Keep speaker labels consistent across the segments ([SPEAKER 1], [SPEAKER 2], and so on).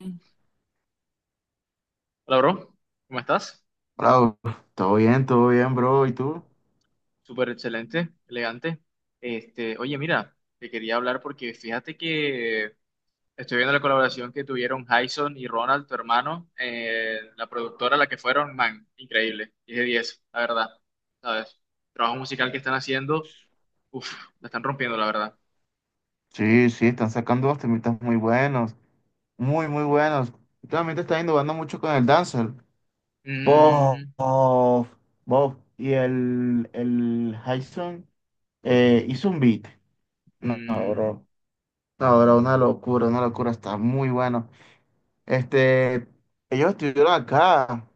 [SPEAKER 1] Hola, bro. ¿Cómo estás?
[SPEAKER 2] Bravo, todo bien, bro. ¿Y tú?
[SPEAKER 1] Súper excelente, elegante. Oye, mira, te quería hablar porque fíjate que estoy viendo la colaboración que tuvieron Jason y Ronald, tu hermano, la productora a la que fueron, man, increíble. Diez de 10, la verdad, ¿sabes? Trabajo musical que están haciendo, uff, la están rompiendo, la verdad.
[SPEAKER 2] Sí, sí, están sacando unos temitas muy buenos, muy, muy buenos. Últimamente está innovando mucho con el Dancer. Bof,
[SPEAKER 1] Mm.
[SPEAKER 2] bof. Y el Hyson hizo un beat. No,
[SPEAKER 1] Mm.
[SPEAKER 2] bro. No, bro, una locura, una locura. Está muy bueno. Este, ellos estuvieron acá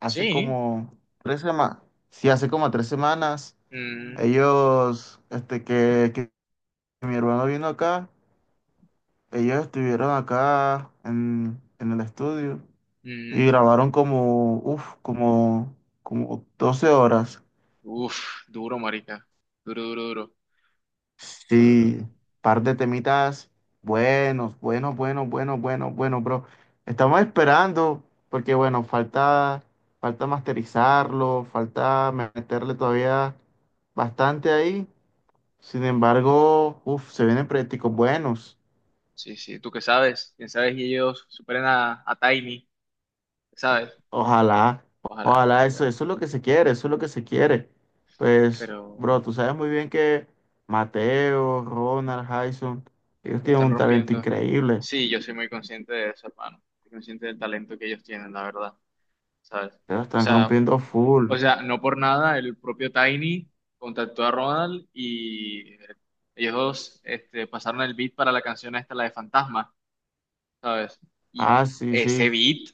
[SPEAKER 2] hace
[SPEAKER 1] Sí.
[SPEAKER 2] como 3 semanas. Sí, hace como 3 semanas.
[SPEAKER 1] Mm.
[SPEAKER 2] Ellos, este, que mi hermano vino acá. Ellos estuvieron acá en el estudio y
[SPEAKER 1] Mm.
[SPEAKER 2] grabaron como, uf, como, como 12 horas.
[SPEAKER 1] Uff, duro, marica. Duro, duro, duro, duro, duro, duro.
[SPEAKER 2] Sí, par de temitas buenos, buenos, buenos, buenos, buenos, buenos, bro. Estamos esperando porque, bueno, falta, falta masterizarlo, falta meterle todavía bastante ahí. Sin embargo, uf, se vienen proyectos buenos.
[SPEAKER 1] Sí, sí, tú qué sabes, quién sabe si ellos superen a Tiny, ¿sabes?
[SPEAKER 2] Ojalá,
[SPEAKER 1] Ojalá,
[SPEAKER 2] ojalá,
[SPEAKER 1] porque,
[SPEAKER 2] eso es lo que se quiere, eso es lo que se quiere. Pues,
[SPEAKER 1] pero
[SPEAKER 2] bro, tú sabes muy bien que Mateo, Ronald, Jason, ellos
[SPEAKER 1] la
[SPEAKER 2] tienen
[SPEAKER 1] están
[SPEAKER 2] un talento
[SPEAKER 1] rompiendo.
[SPEAKER 2] increíble,
[SPEAKER 1] Sí, yo soy muy consciente de eso, hermano. Soy consciente del talento que ellos tienen, la verdad, ¿sabes?
[SPEAKER 2] pero
[SPEAKER 1] O
[SPEAKER 2] están
[SPEAKER 1] sea,
[SPEAKER 2] rompiendo full.
[SPEAKER 1] o sea, no por nada el propio Tiny contactó a Ronald y ellos dos pasaron el beat para la canción esta, la de Fantasma, ¿sabes? Y
[SPEAKER 2] Ah, sí,
[SPEAKER 1] ese
[SPEAKER 2] sí,
[SPEAKER 1] beat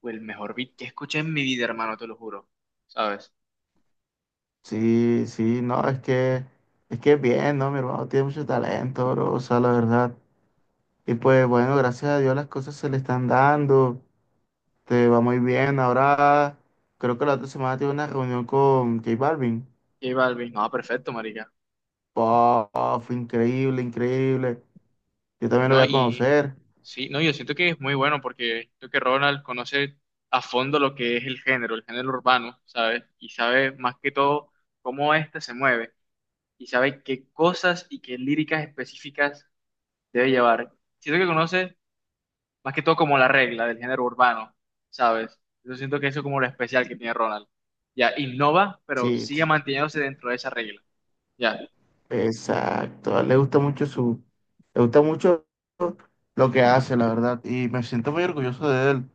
[SPEAKER 1] fue el mejor beat que escuché en mi vida, hermano, te lo juro, ¿sabes?
[SPEAKER 2] sí, sí, no, es que bien, ¿no? Mi hermano tiene mucho talento, bro, o sea, la verdad. Y pues, bueno, gracias a Dios las cosas se le están dando, te va muy bien. Ahora, creo que la otra semana tiene una reunión con J Balvin.
[SPEAKER 1] J Balvin, no perfecto, marica.
[SPEAKER 2] Puf, increíble, increíble. Yo también lo
[SPEAKER 1] No,
[SPEAKER 2] voy a
[SPEAKER 1] y
[SPEAKER 2] conocer.
[SPEAKER 1] sí, no, yo siento que es muy bueno porque creo que Ronald conoce a fondo lo que es el género urbano, ¿sabes? Y sabe más que todo cómo éste se mueve y sabe qué cosas y qué líricas específicas debe llevar. Siento que conoce más que todo como la regla del género urbano, ¿sabes? Yo siento que eso es como lo especial que tiene Ronald. Ya, innova, pero
[SPEAKER 2] Sí,
[SPEAKER 1] sigue
[SPEAKER 2] sí,
[SPEAKER 1] manteniéndose dentro de esa regla. Ya.
[SPEAKER 2] exacto. A él le gusta mucho su, le gusta mucho lo que hace, la verdad. Y me siento muy orgulloso de él.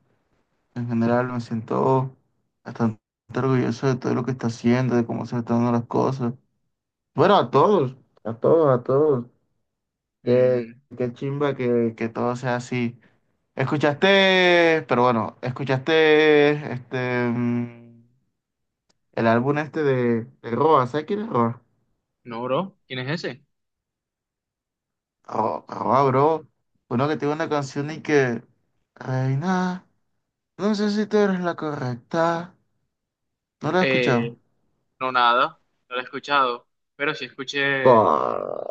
[SPEAKER 2] En general, me siento bastante orgulloso de todo lo que está haciendo, de cómo se le están dando las cosas. Bueno, a todos, a todos, a todos. Qué,
[SPEAKER 1] Mm,
[SPEAKER 2] qué chimba que todo sea así. Escuchaste, pero bueno, escuchaste este. El álbum este de Roa, ¿sabes quién es Roa?
[SPEAKER 1] no, bro, ¿quién es ese?
[SPEAKER 2] Roa, bro. Uno que tiene una canción y que... Reina, no no sé si tú eres la correcta. ¿No lo he
[SPEAKER 1] Eh,
[SPEAKER 2] escuchado?
[SPEAKER 1] No, nada, no la he escuchado, pero sí escuché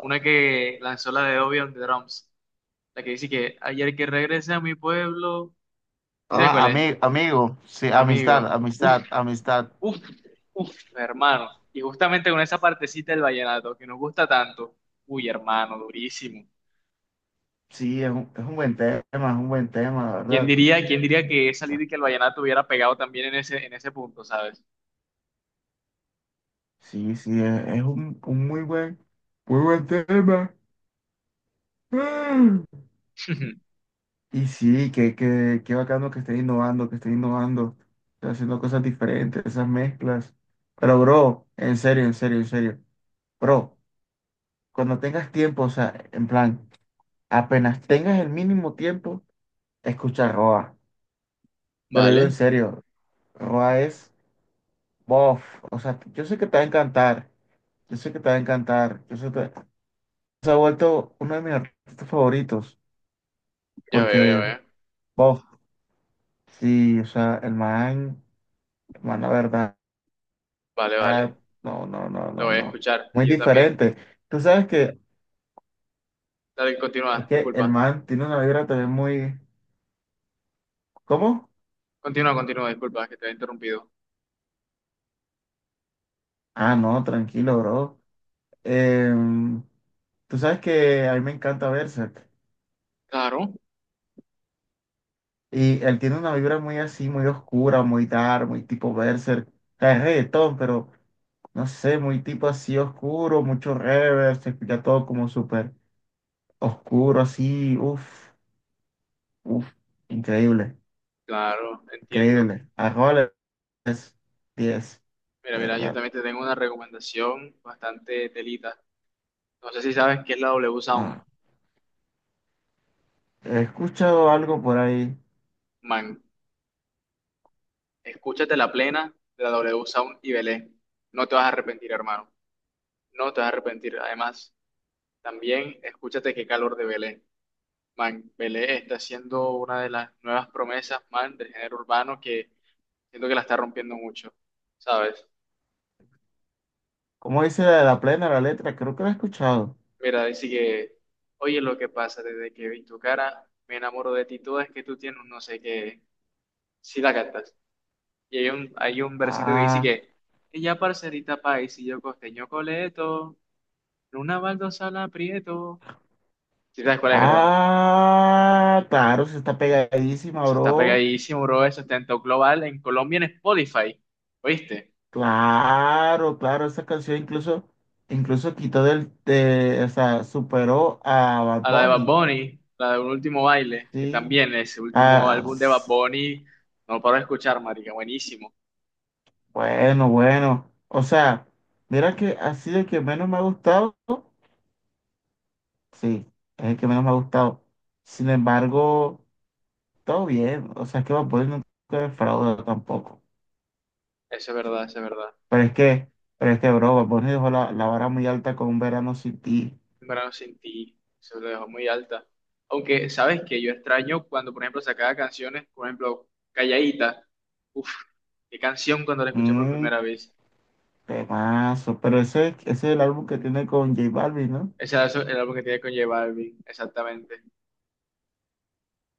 [SPEAKER 1] una que lanzó la de Obi on the Drums, la que dice que ayer que regresé a mi pueblo, ¿sí sabes
[SPEAKER 2] Ah,
[SPEAKER 1] cuál es?
[SPEAKER 2] amigo, sí, amistad,
[SPEAKER 1] Amigo, uf,
[SPEAKER 2] amistad, amistad.
[SPEAKER 1] uf, uf, hermano, y justamente con esa partecita del vallenato que nos gusta tanto, uy, hermano, durísimo.
[SPEAKER 2] Sí, es un buen tema, es un buen tema, la verdad.
[SPEAKER 1] Quién diría que esa lírica del vallenato hubiera pegado también en ese punto, ¿sabes?
[SPEAKER 2] Sí, sí, es un muy buen tema. Y sí, que, qué bacano que estén innovando, que estén innovando, que haciendo cosas diferentes, esas mezclas. Pero, bro, en serio, en serio, en serio. Bro, cuando tengas tiempo, o sea, en plan, apenas tengas el mínimo tiempo, escucha Roa. Te lo digo en
[SPEAKER 1] Vale,
[SPEAKER 2] serio, Roa es bof. O sea, yo sé que te va a encantar, yo sé que te va a encantar. Yo sé que te- Se ha vuelto uno de mis artistas favoritos,
[SPEAKER 1] ya
[SPEAKER 2] porque
[SPEAKER 1] veo,
[SPEAKER 2] bof, sí, o sea, el man, la verdad.
[SPEAKER 1] vale, vale,
[SPEAKER 2] Ah, no, no, no,
[SPEAKER 1] lo
[SPEAKER 2] no,
[SPEAKER 1] voy a
[SPEAKER 2] no.
[SPEAKER 1] escuchar,
[SPEAKER 2] Muy
[SPEAKER 1] y yo también,
[SPEAKER 2] diferente. Tú sabes que
[SPEAKER 1] dale,
[SPEAKER 2] es
[SPEAKER 1] continúa,
[SPEAKER 2] que el
[SPEAKER 1] disculpa.
[SPEAKER 2] man tiene una vibra también muy... ¿Cómo?
[SPEAKER 1] Continúa, continúa, disculpa que te he interrumpido.
[SPEAKER 2] Ah, no, tranquilo, bro. Em, tú sabes que a mí me encanta Berserk.
[SPEAKER 1] Claro,
[SPEAKER 2] Y él tiene una vibra muy así, muy oscura, muy dark, muy tipo Berserk. O sea, es reggaetón, pero no sé, muy tipo así oscuro, mucho reverb, se escucha todo como súper oscuro, así, uff, uff, increíble,
[SPEAKER 1] claro, entiendo.
[SPEAKER 2] increíble. Arroles, 10
[SPEAKER 1] Mira,
[SPEAKER 2] Eh,
[SPEAKER 1] mira, yo
[SPEAKER 2] eh,
[SPEAKER 1] también te tengo una recomendación bastante telita. No sé si sabes qué es la W Sound.
[SPEAKER 2] ah, he escuchado algo por ahí.
[SPEAKER 1] Man, escúchate la plena de la W Sound y velé. No te vas a arrepentir, hermano. No te vas a arrepentir. Además, también escúchate qué calor de velé. Man, velé está siendo una de las nuevas promesas, man, del género urbano que siento que la está rompiendo mucho, ¿sabes?
[SPEAKER 2] ¿Cómo dice la, la plena, la letra? Creo que la he escuchado.
[SPEAKER 1] Mira, dice que, oye, lo que pasa desde que vi tu cara, me enamoro de ti toda, es que tú tienes un no sé qué, si la cantas. Y hay un versito que dice
[SPEAKER 2] Ah,
[SPEAKER 1] que ella parcerita país y yo costeño coleto, en una baldosa la aprieto. Si sabes cuál es, ¿verdad?
[SPEAKER 2] claro, se está pegadísima,
[SPEAKER 1] Eso está
[SPEAKER 2] bro.
[SPEAKER 1] pegadísimo, bro, eso está en top global, en Colombia en Spotify, ¿oíste?
[SPEAKER 2] Claro, claro, esa canción incluso, incluso o sea, superó a Bad
[SPEAKER 1] A la de Bad
[SPEAKER 2] Bunny.
[SPEAKER 1] Bunny, la de Un Último Baile, que
[SPEAKER 2] Sí.
[SPEAKER 1] también ese último
[SPEAKER 2] Ah,
[SPEAKER 1] álbum de Bad
[SPEAKER 2] s-
[SPEAKER 1] Bunny, no lo paro de escuchar, marica, buenísimo.
[SPEAKER 2] bueno, bueno. O sea, mira que así el que menos me ha gustado, sí, es el que menos me ha gustado. Sin embargo. Todo bien, o sea, es que Bad Bunny nunca defrauda tampoco.
[SPEAKER 1] Eso es verdad, eso es verdad.
[SPEAKER 2] Pero es que, pero es que, bro, Bad Bunny dejó la vara muy alta con Un Verano Sin Ti.
[SPEAKER 1] En verdad no sentí, se lo dejó muy alta. Aunque, ¿sabes que yo extraño cuando, por ejemplo, sacaba canciones, por ejemplo, Calladita. Uf, qué canción cuando la escuché por
[SPEAKER 2] Un
[SPEAKER 1] primera vez.
[SPEAKER 2] temazo. Pero ese es el álbum que tiene con J Balvin, ¿no?
[SPEAKER 1] Ese era el álbum que tiene con J Balvin, exactamente.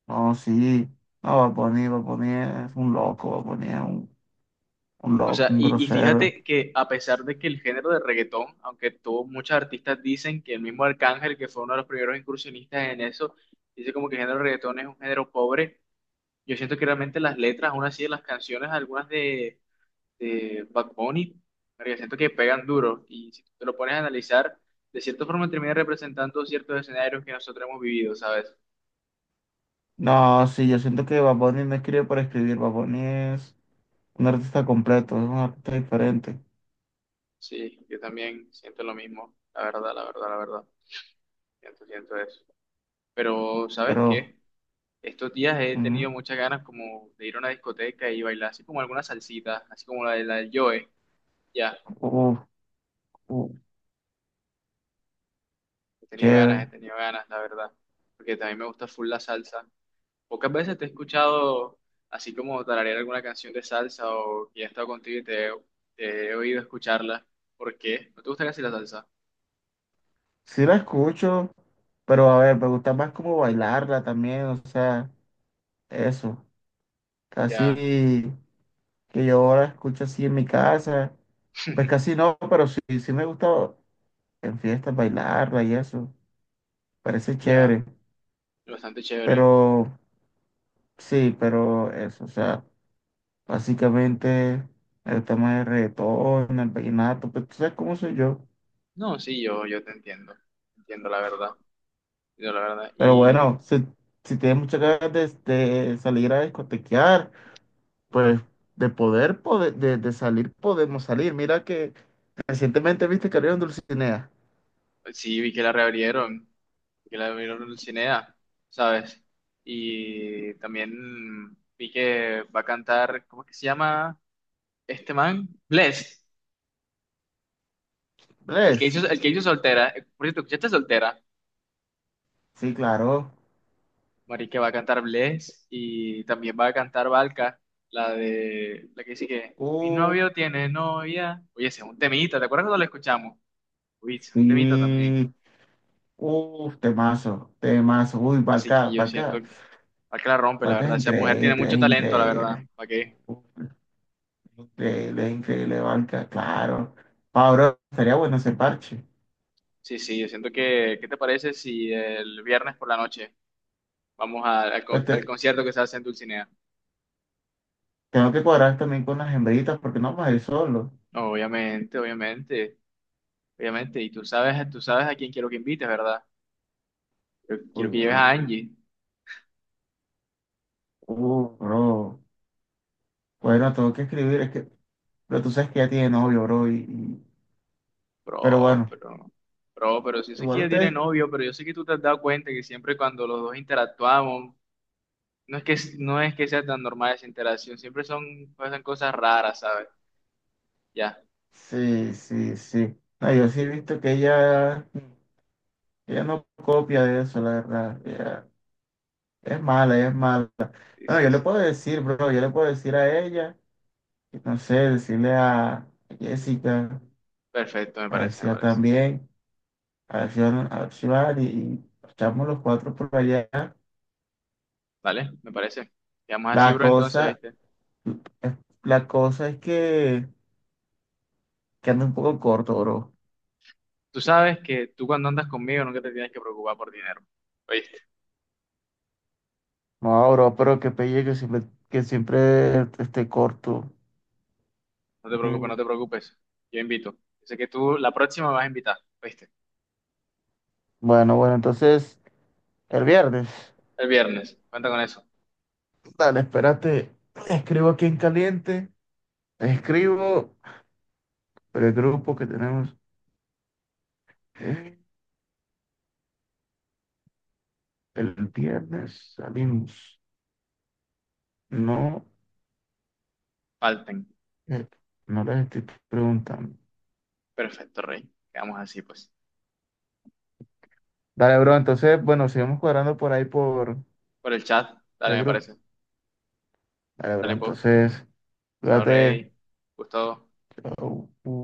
[SPEAKER 2] No, sí. No, Bad Bunny, Bad Bunny es un loco, Bad Bunny es un
[SPEAKER 1] O
[SPEAKER 2] loco,
[SPEAKER 1] sea,
[SPEAKER 2] un
[SPEAKER 1] y
[SPEAKER 2] grosero.
[SPEAKER 1] fíjate que a pesar de que el género de reggaetón, aunque tuvo muchos artistas dicen que el mismo Arcángel, que fue uno de los primeros incursionistas en eso, dice como que el género de reggaetón es un género pobre, yo siento que realmente las letras, aún así, de las canciones, algunas de Bad Bunny, porque siento que pegan duro y si tú te lo pones a analizar, de cierta forma termina representando ciertos escenarios que nosotros hemos vivido, ¿sabes?
[SPEAKER 2] No, sí, yo siento que Bad Bunny no escribe para escribir. Bad Bunny es un artista completo, es un artista diferente.
[SPEAKER 1] Sí, yo también siento lo mismo, la verdad, la verdad, la verdad, siento, siento eso. Pero, ¿sabes
[SPEAKER 2] Pero,
[SPEAKER 1] qué? Estos días he tenido muchas ganas como de ir a una discoteca y bailar así como alguna salsita, así como la de la del Joe, ya,
[SPEAKER 2] uff, uff,
[SPEAKER 1] he tenido ganas, la verdad, porque también me gusta full la salsa. Pocas veces te he escuchado así como tararear alguna canción de salsa o que he estado contigo y te he oído escucharla. ¿Por qué? ¿No te gusta casi la salsa?
[SPEAKER 2] sí la escucho, pero a ver, me gusta más como bailarla también, o sea, eso.
[SPEAKER 1] Ya.
[SPEAKER 2] Casi que yo ahora escucho así en mi casa. Pues casi no, pero sí, sí me gusta en fiestas bailarla y eso. Parece
[SPEAKER 1] Ya,
[SPEAKER 2] chévere.
[SPEAKER 1] bastante chévere.
[SPEAKER 2] Pero sí, pero eso, o sea, básicamente el tema más el reggaetón, el vallenato, pues tú sabes cómo soy yo.
[SPEAKER 1] No, sí, yo te entiendo. Entiendo la verdad. Entiendo la verdad.
[SPEAKER 2] Pero
[SPEAKER 1] Y
[SPEAKER 2] bueno, si, si tienes muchas ganas de salir a discotequear. Pues de salir, podemos salir. Mira que recientemente viste que abrieron Dulcinea.
[SPEAKER 1] sí, vi que la reabrieron, que la abrieron en Cinea, ¿sabes? Y también vi que va a cantar, ¿cómo es que se llama este man? Bless,
[SPEAKER 2] ¿Ves?
[SPEAKER 1] el que hizo Soltera. Por cierto, ¿escuchaste Soltera?
[SPEAKER 2] Sí, claro.
[SPEAKER 1] Marica va a cantar Bless y también va a cantar Valka, la de la que dice que mi
[SPEAKER 2] Uh,
[SPEAKER 1] novio tiene novia. Oye, ese es un temita, ¿te acuerdas cuando lo escuchamos? Uy, ese es un temita también.
[SPEAKER 2] sí. Temazo, temazo. Uy,
[SPEAKER 1] Así que
[SPEAKER 2] Barca,
[SPEAKER 1] yo siento
[SPEAKER 2] Barca,
[SPEAKER 1] que Valka la rompe, la
[SPEAKER 2] Barca es
[SPEAKER 1] verdad. Esa mujer tiene
[SPEAKER 2] increíble,
[SPEAKER 1] mucho
[SPEAKER 2] es
[SPEAKER 1] talento, la verdad.
[SPEAKER 2] increíble.
[SPEAKER 1] ¿Para qué?
[SPEAKER 2] Uh, increíble, es increíble, Barca, claro. Ahora estaría bueno ese parche.
[SPEAKER 1] Sí, sí, yo siento que, ¿qué te parece si el viernes por la noche vamos a- al,
[SPEAKER 2] Pues
[SPEAKER 1] con- al
[SPEAKER 2] te-
[SPEAKER 1] concierto que se hace en Dulcinea?
[SPEAKER 2] tengo que cuadrar también con las hembritas porque no vamos a ir solo.
[SPEAKER 1] No, obviamente, obviamente, obviamente. Y tú sabes a quién quiero que invites, ¿verdad? Yo quiero
[SPEAKER 2] Uy,
[SPEAKER 1] que lleves a
[SPEAKER 2] bro.
[SPEAKER 1] Angie.
[SPEAKER 2] Bro. Bueno, tengo que escribir, es que pero tú sabes que ya tiene novio, bro. Pero
[SPEAKER 1] Bro,
[SPEAKER 2] bueno,
[SPEAKER 1] pero, bro, pero si yo sé que
[SPEAKER 2] igual
[SPEAKER 1] ella tiene
[SPEAKER 2] ustedes.
[SPEAKER 1] novio, pero yo sé que tú te has dado cuenta que siempre cuando los dos interactuamos, no es que, no es que sea tan normal esa interacción, siempre son, pasan cosas raras, ¿sabes? Ya,
[SPEAKER 2] Sí, sí, sí. No, yo sí he visto que ella no copia de eso, la verdad. Ella es mala, ella es mala.
[SPEAKER 1] sí,
[SPEAKER 2] Bueno,
[SPEAKER 1] sí,
[SPEAKER 2] yo le
[SPEAKER 1] sí.
[SPEAKER 2] puedo decir, bro, yo le puedo decir a ella, y no sé, decirle a Jessica,
[SPEAKER 1] Perfecto, me
[SPEAKER 2] a ver
[SPEAKER 1] parece,
[SPEAKER 2] si
[SPEAKER 1] me
[SPEAKER 2] va
[SPEAKER 1] parece.
[SPEAKER 2] también, a ver si van, a ver si van, y echamos los cuatro por allá.
[SPEAKER 1] ¿Vale? Me parece. Quedamos así,
[SPEAKER 2] La
[SPEAKER 1] bro,
[SPEAKER 2] cosa,
[SPEAKER 1] entonces, ¿viste?
[SPEAKER 2] la cosa es que anda un poco corto, bro.
[SPEAKER 1] Tú sabes que tú cuando andas conmigo nunca te tienes que preocupar por dinero, ¿oíste?
[SPEAKER 2] No, bro, pero qué pelle que siempre esté corto.
[SPEAKER 1] No te preocupes, no
[SPEAKER 2] Mm.
[SPEAKER 1] te preocupes. Yo invito. Sé que tú la próxima me vas a invitar, ¿oíste?
[SPEAKER 2] Bueno, bueno, entonces el viernes.
[SPEAKER 1] El viernes. Cuenta con eso.
[SPEAKER 2] Dale, espérate. Escribo aquí en caliente. Escribo pero el grupo que tenemos. eh, El viernes salimos. No,
[SPEAKER 1] Falten.
[SPEAKER 2] eh, no les estoy preguntando.
[SPEAKER 1] Perfecto, rey. Quedamos así, pues.
[SPEAKER 2] Dale, bro, entonces, bueno, seguimos cuadrando por ahí
[SPEAKER 1] Por el chat,
[SPEAKER 2] por
[SPEAKER 1] dale,
[SPEAKER 2] el
[SPEAKER 1] me
[SPEAKER 2] grupo.
[SPEAKER 1] parece.
[SPEAKER 2] Dale, bro,
[SPEAKER 1] Dale, pues.
[SPEAKER 2] entonces,
[SPEAKER 1] Chao,
[SPEAKER 2] cuídate.
[SPEAKER 1] Rey. Gustavo.
[SPEAKER 2] Chau.